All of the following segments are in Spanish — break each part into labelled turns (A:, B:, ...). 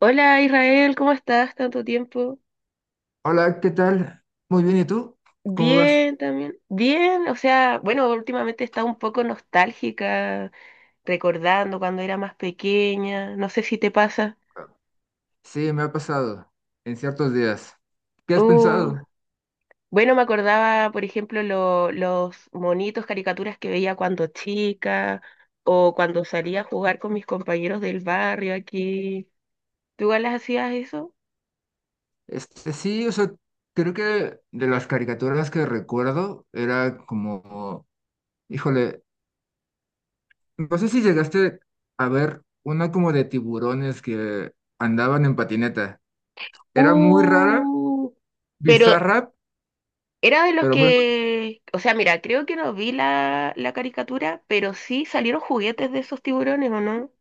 A: Hola Israel, ¿cómo estás? Tanto tiempo.
B: Hola, ¿qué tal? Muy bien, ¿y tú? ¿Cómo vas?
A: Bien, también. Bien, o sea, bueno, últimamente he estado un poco nostálgica, recordando cuando era más pequeña, no sé si te pasa.
B: Sí, me ha pasado en ciertos días. ¿Qué has
A: Uh,
B: pensado?
A: bueno, me acordaba, por ejemplo, los monitos, caricaturas que veía cuando chica o cuando salía a jugar con mis compañeros del barrio aquí. ¿Tú igual las hacías eso?
B: Este, sí, o sea, creo que de las caricaturas que recuerdo era como, híjole, no sé si llegaste a ver una como de tiburones que andaban en patineta. Era muy rara,
A: Uh, pero
B: bizarra,
A: Era de los
B: pero muy
A: que, o sea, mira, creo que no vi la caricatura, pero sí salieron juguetes de esos tiburones, ¿o no?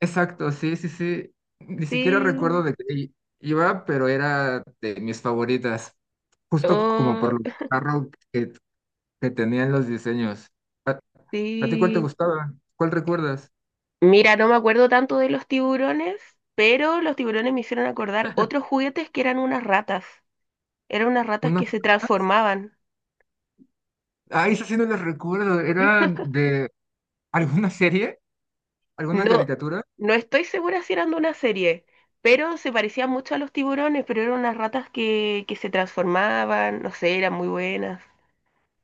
B: exacto, sí, sí, sí. Ni siquiera
A: Sí.
B: recuerdo de qué iba, pero era de mis favoritas, justo como por
A: Oh,
B: lo carro que, tenían los diseños. ¿A, a ti cuál te
A: sí.
B: gustaba? ¿Cuál recuerdas?
A: Mira, no me acuerdo tanto de los tiburones, pero los tiburones me hicieron acordar otros juguetes que eran unas ratas. Eran unas ratas
B: ¿Uno?
A: que se transformaban.
B: Ah, eso sí no les recuerdo. ¿Era de alguna serie? ¿Alguna
A: No,
B: caricatura?
A: no estoy segura si eran de una serie, pero se parecían mucho a los tiburones, pero eran unas ratas que se transformaban, no sé, eran muy buenas,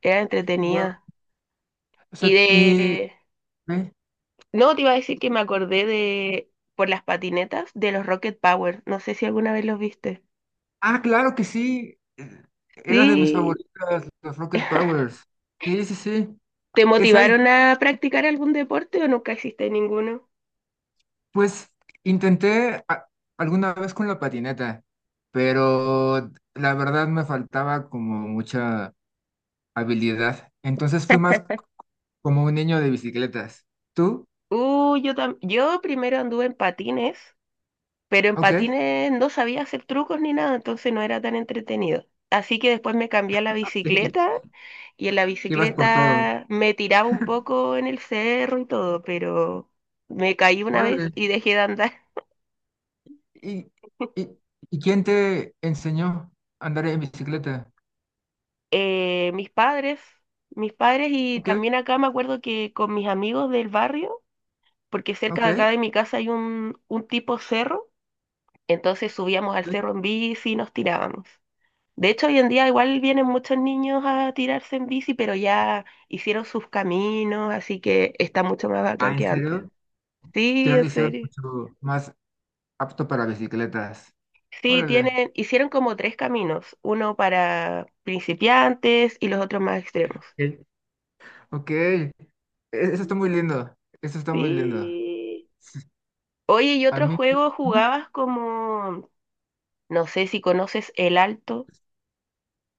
A: eran
B: Guau.
A: entretenidas.
B: O
A: Y
B: sea, y...
A: de...
B: ¿eh?
A: No, te iba a decir que me acordé de... por las patinetas de los Rocket Power. No sé si alguna vez los viste.
B: Ah, claro que sí. Era de mis
A: Sí.
B: favoritas, los Rocket Powers. Sí, sí, sí.
A: ¿Te
B: Esa y
A: motivaron a practicar algún deporte o nunca hiciste ninguno?
B: pues intenté alguna vez con la patineta, pero la verdad me faltaba como mucha habilidad. Entonces fui más como un niño de bicicletas. ¿Tú?
A: Yo primero anduve en patines, pero en
B: Ok.
A: patines no sabía hacer trucos ni nada, entonces no era tan entretenido. Así que después me cambié a la
B: Sí.
A: bicicleta y en la
B: Ibas por todo.
A: bicicleta me tiraba un poco en el cerro y todo, pero me caí una vez
B: Órale.
A: y dejé de andar.
B: ¿Y, y, y quién te enseñó a andar en bicicleta?
A: eh, mis padres, mis padres y
B: Ok,
A: también acá me acuerdo que con mis amigos del barrio, porque cerca
B: ok.
A: de acá de mi casa hay un tipo cerro, entonces subíamos al
B: Ok.
A: cerro en bici y nos tirábamos. De hecho, hoy en día igual vienen muchos niños a tirarse en bici, pero ya hicieron sus caminos, así que está mucho más bacán
B: Ah, ¿en
A: que antes.
B: serio?
A: Sí,
B: Ya
A: en
B: lo hicieron
A: serio.
B: mucho más apto para bicicletas.
A: Sí,
B: Órale.
A: tienen, hicieron como tres caminos, uno para principiantes y los otros más extremos.
B: Ok, eso está muy lindo, eso está muy lindo.
A: Sí. Oye, ¿y
B: A
A: otro
B: mí,
A: juego
B: ajá.
A: jugabas como, no sé si conoces El Alto?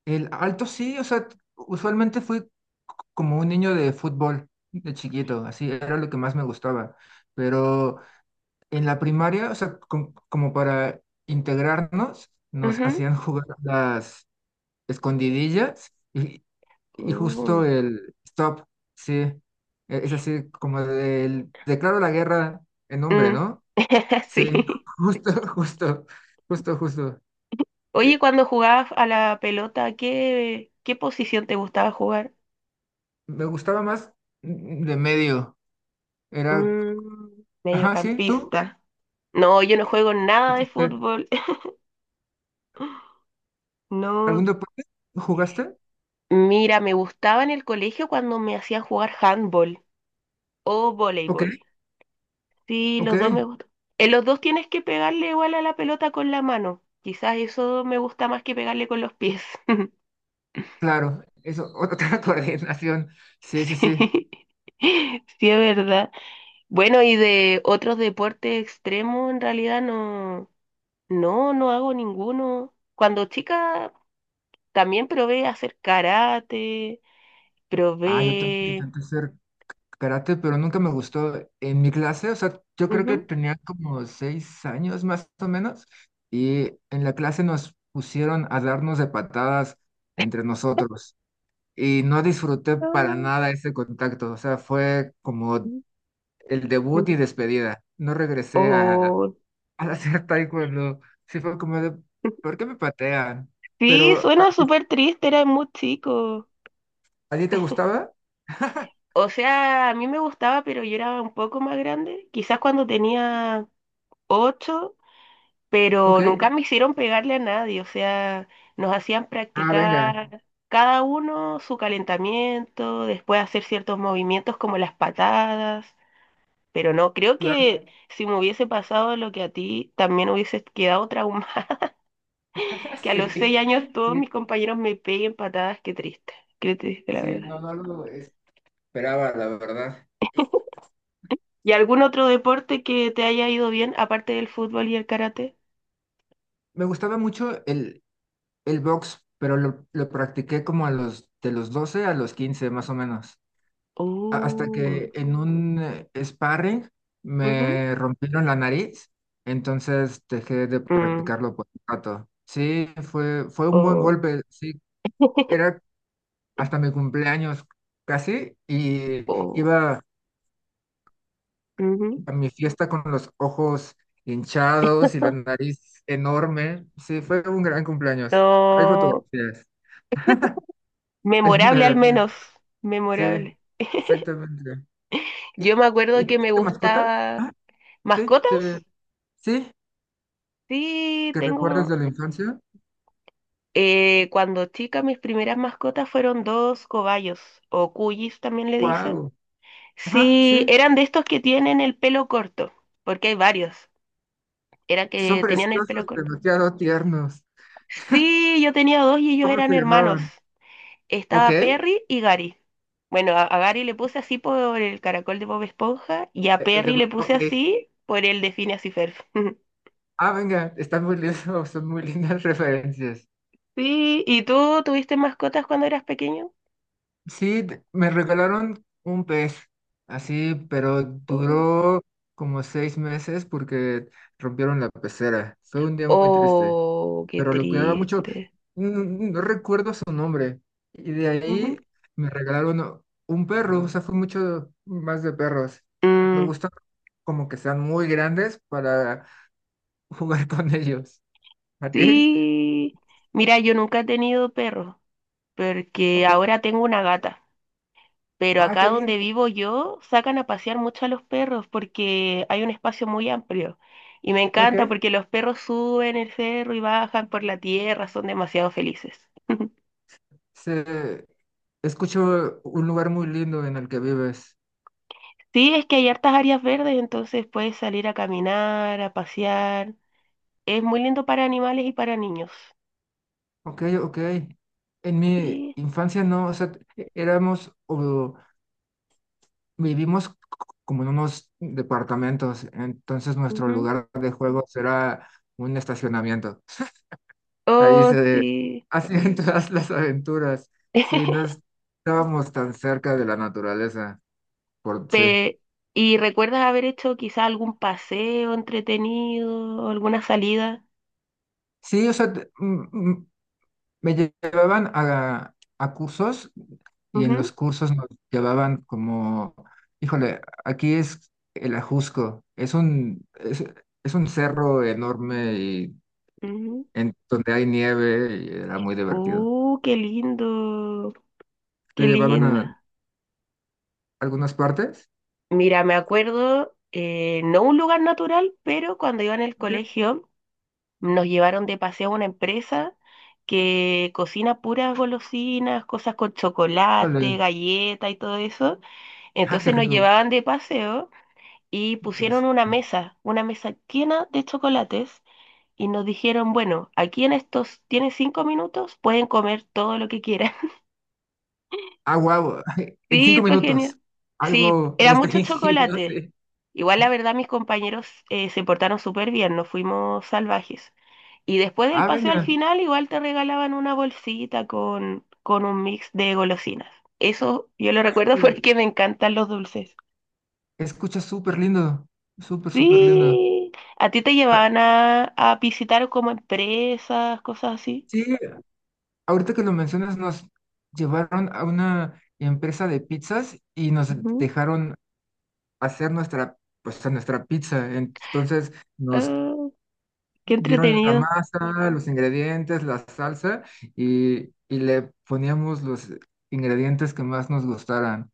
B: El alto sí, o sea, usualmente fui como un niño de fútbol de chiquito, así era lo que más me gustaba. Pero en la primaria, o sea, como para integrarnos, nos
A: Ujú.
B: hacían jugar las escondidillas y
A: Uh,
B: justo el stop, sí, es así como del declaro la guerra en nombre,
A: mm.
B: ¿no? Sí,
A: Sí.
B: justo, justo, justo, justo.
A: Oye,
B: Eh,
A: cuando jugabas a la pelota, ¿qué posición te gustaba jugar?
B: Me gustaba más de medio. Era,
A: Mm,
B: ajá, sí, tú.
A: mediocampista. No, yo no
B: ¿Y-
A: juego nada de
B: hiciste
A: fútbol. No.
B: ¿Algún deporte jugaste?
A: Mira, me gustaba en el colegio cuando me hacían jugar handball o
B: Ok,
A: voleibol. Sí,
B: ok,
A: los dos me gustan. En los dos tienes que pegarle igual a la pelota con la mano. Quizás eso me gusta más que pegarle con los pies.
B: claro. Eso, otra coordinación. Sí, sí, sí.
A: Sí, sí es verdad. Bueno, y de otros deportes extremos, en realidad no hago ninguno. Cuando chica también probé hacer karate,
B: Ah, yo también
A: probé...
B: intenté hacer karate, pero nunca me gustó en mi clase. O sea, yo creo que
A: ujú,
B: tenía como 6 años más o menos. Y en la clase nos pusieron a darnos de patadas entre nosotros. Y no disfruté para
A: Ah.
B: nada ese contacto, o sea, fue como el debut
A: ujú.
B: y despedida. No regresé a,
A: O...
B: a hacer taekwondo, sí fue como de, ¿por qué me patean?
A: Sí,
B: Pero, ¿a,
A: suena súper triste, era muy chico.
B: a ti te gustaba?
A: O sea, a mí me gustaba, pero yo era un poco más grande, quizás cuando tenía 8, pero
B: Ok.
A: nunca me hicieron pegarle a nadie, o sea, nos hacían
B: Ah, venga,
A: practicar cada uno su calentamiento, después hacer ciertos movimientos como las patadas, pero no, creo
B: claro.
A: que si me hubiese pasado lo que a ti, también hubiese quedado traumada, que a los
B: Sí,
A: 6 años todos
B: sí,
A: mis compañeros me peguen patadas, qué triste la
B: sí,
A: verdad.
B: no, no lo esperaba, la verdad. Y
A: ¿Y algún otro deporte que te haya ido bien, aparte del fútbol y el karate?
B: me gustaba mucho el box, pero lo practiqué como a los, de los 12 a los 15 más o menos. Hasta
A: Oh,
B: que en un sparring
A: ujú,
B: me rompieron la nariz, entonces dejé de
A: mm,
B: practicarlo por un rato. Sí, fue, fue un buen
A: oh,
B: golpe, sí, era hasta mi cumpleaños casi y
A: oh,
B: iba
A: ujú.
B: a mi fiesta con los ojos hinchados y la nariz enorme. Sí, fue un gran cumpleaños. Hay
A: No,
B: fotografías, hay
A: memorable al
B: fotografías,
A: menos,
B: sí,
A: memorable.
B: exactamente. ¿Y,
A: Yo me acuerdo
B: y tú
A: que me
B: tienes mascota?
A: gustaba
B: Ah, sí,
A: mascotas.
B: sí,
A: Sí,
B: ¿que recuerdas
A: tengo
B: de la infancia?
A: cuando chica mis primeras mascotas fueron dos cobayos o cuyis también le dicen.
B: ¡Wow! Ajá,
A: Sí,
B: sí.
A: eran de estos que tienen el pelo corto, porque hay varios. Eran
B: Son
A: que tenían el pelo
B: preciosos,
A: corto.
B: demasiado tiernos.
A: Sí, yo tenía dos y ellos
B: ¿Cómo
A: eran
B: se
A: hermanos.
B: llamaban? Ok.
A: Estaba
B: El
A: Perry y Gary. Bueno, a Gary le puse así por el caracol de Bob Esponja y a
B: de
A: Perry le
B: Bob,
A: puse
B: ok.
A: así por el de Phineas y Ferb.
B: Ah, venga, están muy lindos, son muy lindas referencias.
A: Sí, ¿y tú tuviste mascotas cuando eras pequeño?
B: Sí, me regalaron un pez, así, pero
A: Oh,
B: duró como 6 meses porque rompieron la pecera. Fue un día muy triste.
A: oh, qué
B: Pero lo cuidaba mucho.
A: triste.
B: No, no recuerdo su nombre. Y de
A: Ujú.
B: ahí me regalaron un perro, o sea, fue mucho más de perros. Me
A: Mm,
B: gusta como que sean muy grandes para jugar con ellos. ¿A ti?
A: sí. Mira, yo nunca he tenido perro, porque
B: Ok.
A: ahora tengo una gata. Pero
B: Ah,
A: acá
B: qué
A: donde
B: lindo.
A: vivo yo sacan a pasear mucho a los perros porque hay un espacio muy amplio. Y me encanta
B: Ok.
A: porque los perros suben el cerro y bajan por la tierra, son demasiado felices.
B: Se, escucho un lugar muy lindo en el que vives.
A: Sí, es que hay hartas áreas verdes, entonces puedes salir a caminar, a pasear. Es muy lindo para animales y para niños.
B: Ok, ok. En mi
A: Sí.
B: infancia no, o sea, éramos o vivimos como en unos departamentos, entonces nuestro
A: Ujú.
B: lugar de juego será un estacionamiento. Ahí
A: Oh,
B: se
A: sí.
B: hacían todas las aventuras. Sí, no estábamos tan cerca de la naturaleza, por sí.
A: Pe- ¿y recuerdas haber hecho quizá algún paseo entretenido, alguna salida?
B: Sí, o sea, me llevaban a cursos y en
A: Ujú,
B: los cursos nos llevaban como, híjole, aquí es el Ajusco, es un cerro enorme y
A: ujú.
B: en donde hay nieve y era muy divertido.
A: Qué lindo,
B: ¿Te
A: qué
B: llevaban a
A: linda.
B: algunas partes?
A: Mira, me acuerdo, no un lugar natural, pero cuando iba en el
B: Ok,
A: colegio nos llevaron de paseo a una empresa que cocina puras golosinas, cosas con chocolate,
B: vale.
A: galleta y todo eso.
B: Ah, qué
A: Entonces nos
B: rico.
A: llevaban de paseo y pusieron
B: Interesante.
A: una mesa llena de chocolates y nos dijeron, bueno, aquí en estos, tienen 5 minutos, pueden comer todo lo que quieran.
B: Ah, wow. En
A: Sí,
B: cinco
A: fue
B: minutos.
A: genial. Sí,
B: Algo
A: era mucho
B: restringido,
A: chocolate.
B: sí.
A: Igual la verdad mis compañeros se portaron súper bien, no fuimos salvajes. Y después del
B: Ah,
A: paseo al
B: venga.
A: final igual te regalaban una bolsita con un mix de golosinas. Eso yo lo recuerdo
B: Eh,
A: porque me encantan los dulces.
B: Escucha súper lindo. Súper, súper lindo.
A: Sí, a ti te
B: Ah,
A: llevaban a visitar como empresas, cosas así.
B: sí, ahorita que lo mencionas, nos llevaron a una empresa de pizzas y nos
A: Ujú.
B: dejaron hacer nuestra, pues, a nuestra pizza. Entonces nos
A: Ah, qué
B: dieron la
A: entretenido.
B: masa, los ingredientes, la salsa y le poníamos los ingredientes que más nos gustaran.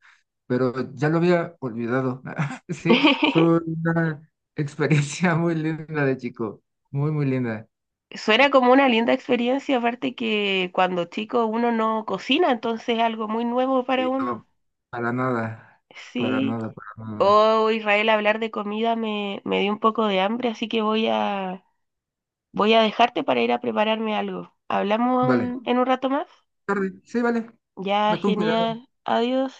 B: Pero ya lo había olvidado. Sí, fue una experiencia muy linda de chico, muy, muy linda.
A: Suena
B: Y,
A: como una linda experiencia, aparte que cuando chico uno no cocina, entonces es algo muy nuevo para
B: y
A: uno.
B: no, para nada, para
A: Sí.
B: nada, para nada.
A: Oh, Israel, hablar de comida me, me dio un poco de hambre, así que voy a, voy a dejarte para ir a prepararme algo. ¿Hablamos
B: Vale,
A: en un rato más?
B: tarde, sí, vale,
A: Ya,
B: ve con cuidado.
A: genial. Adiós.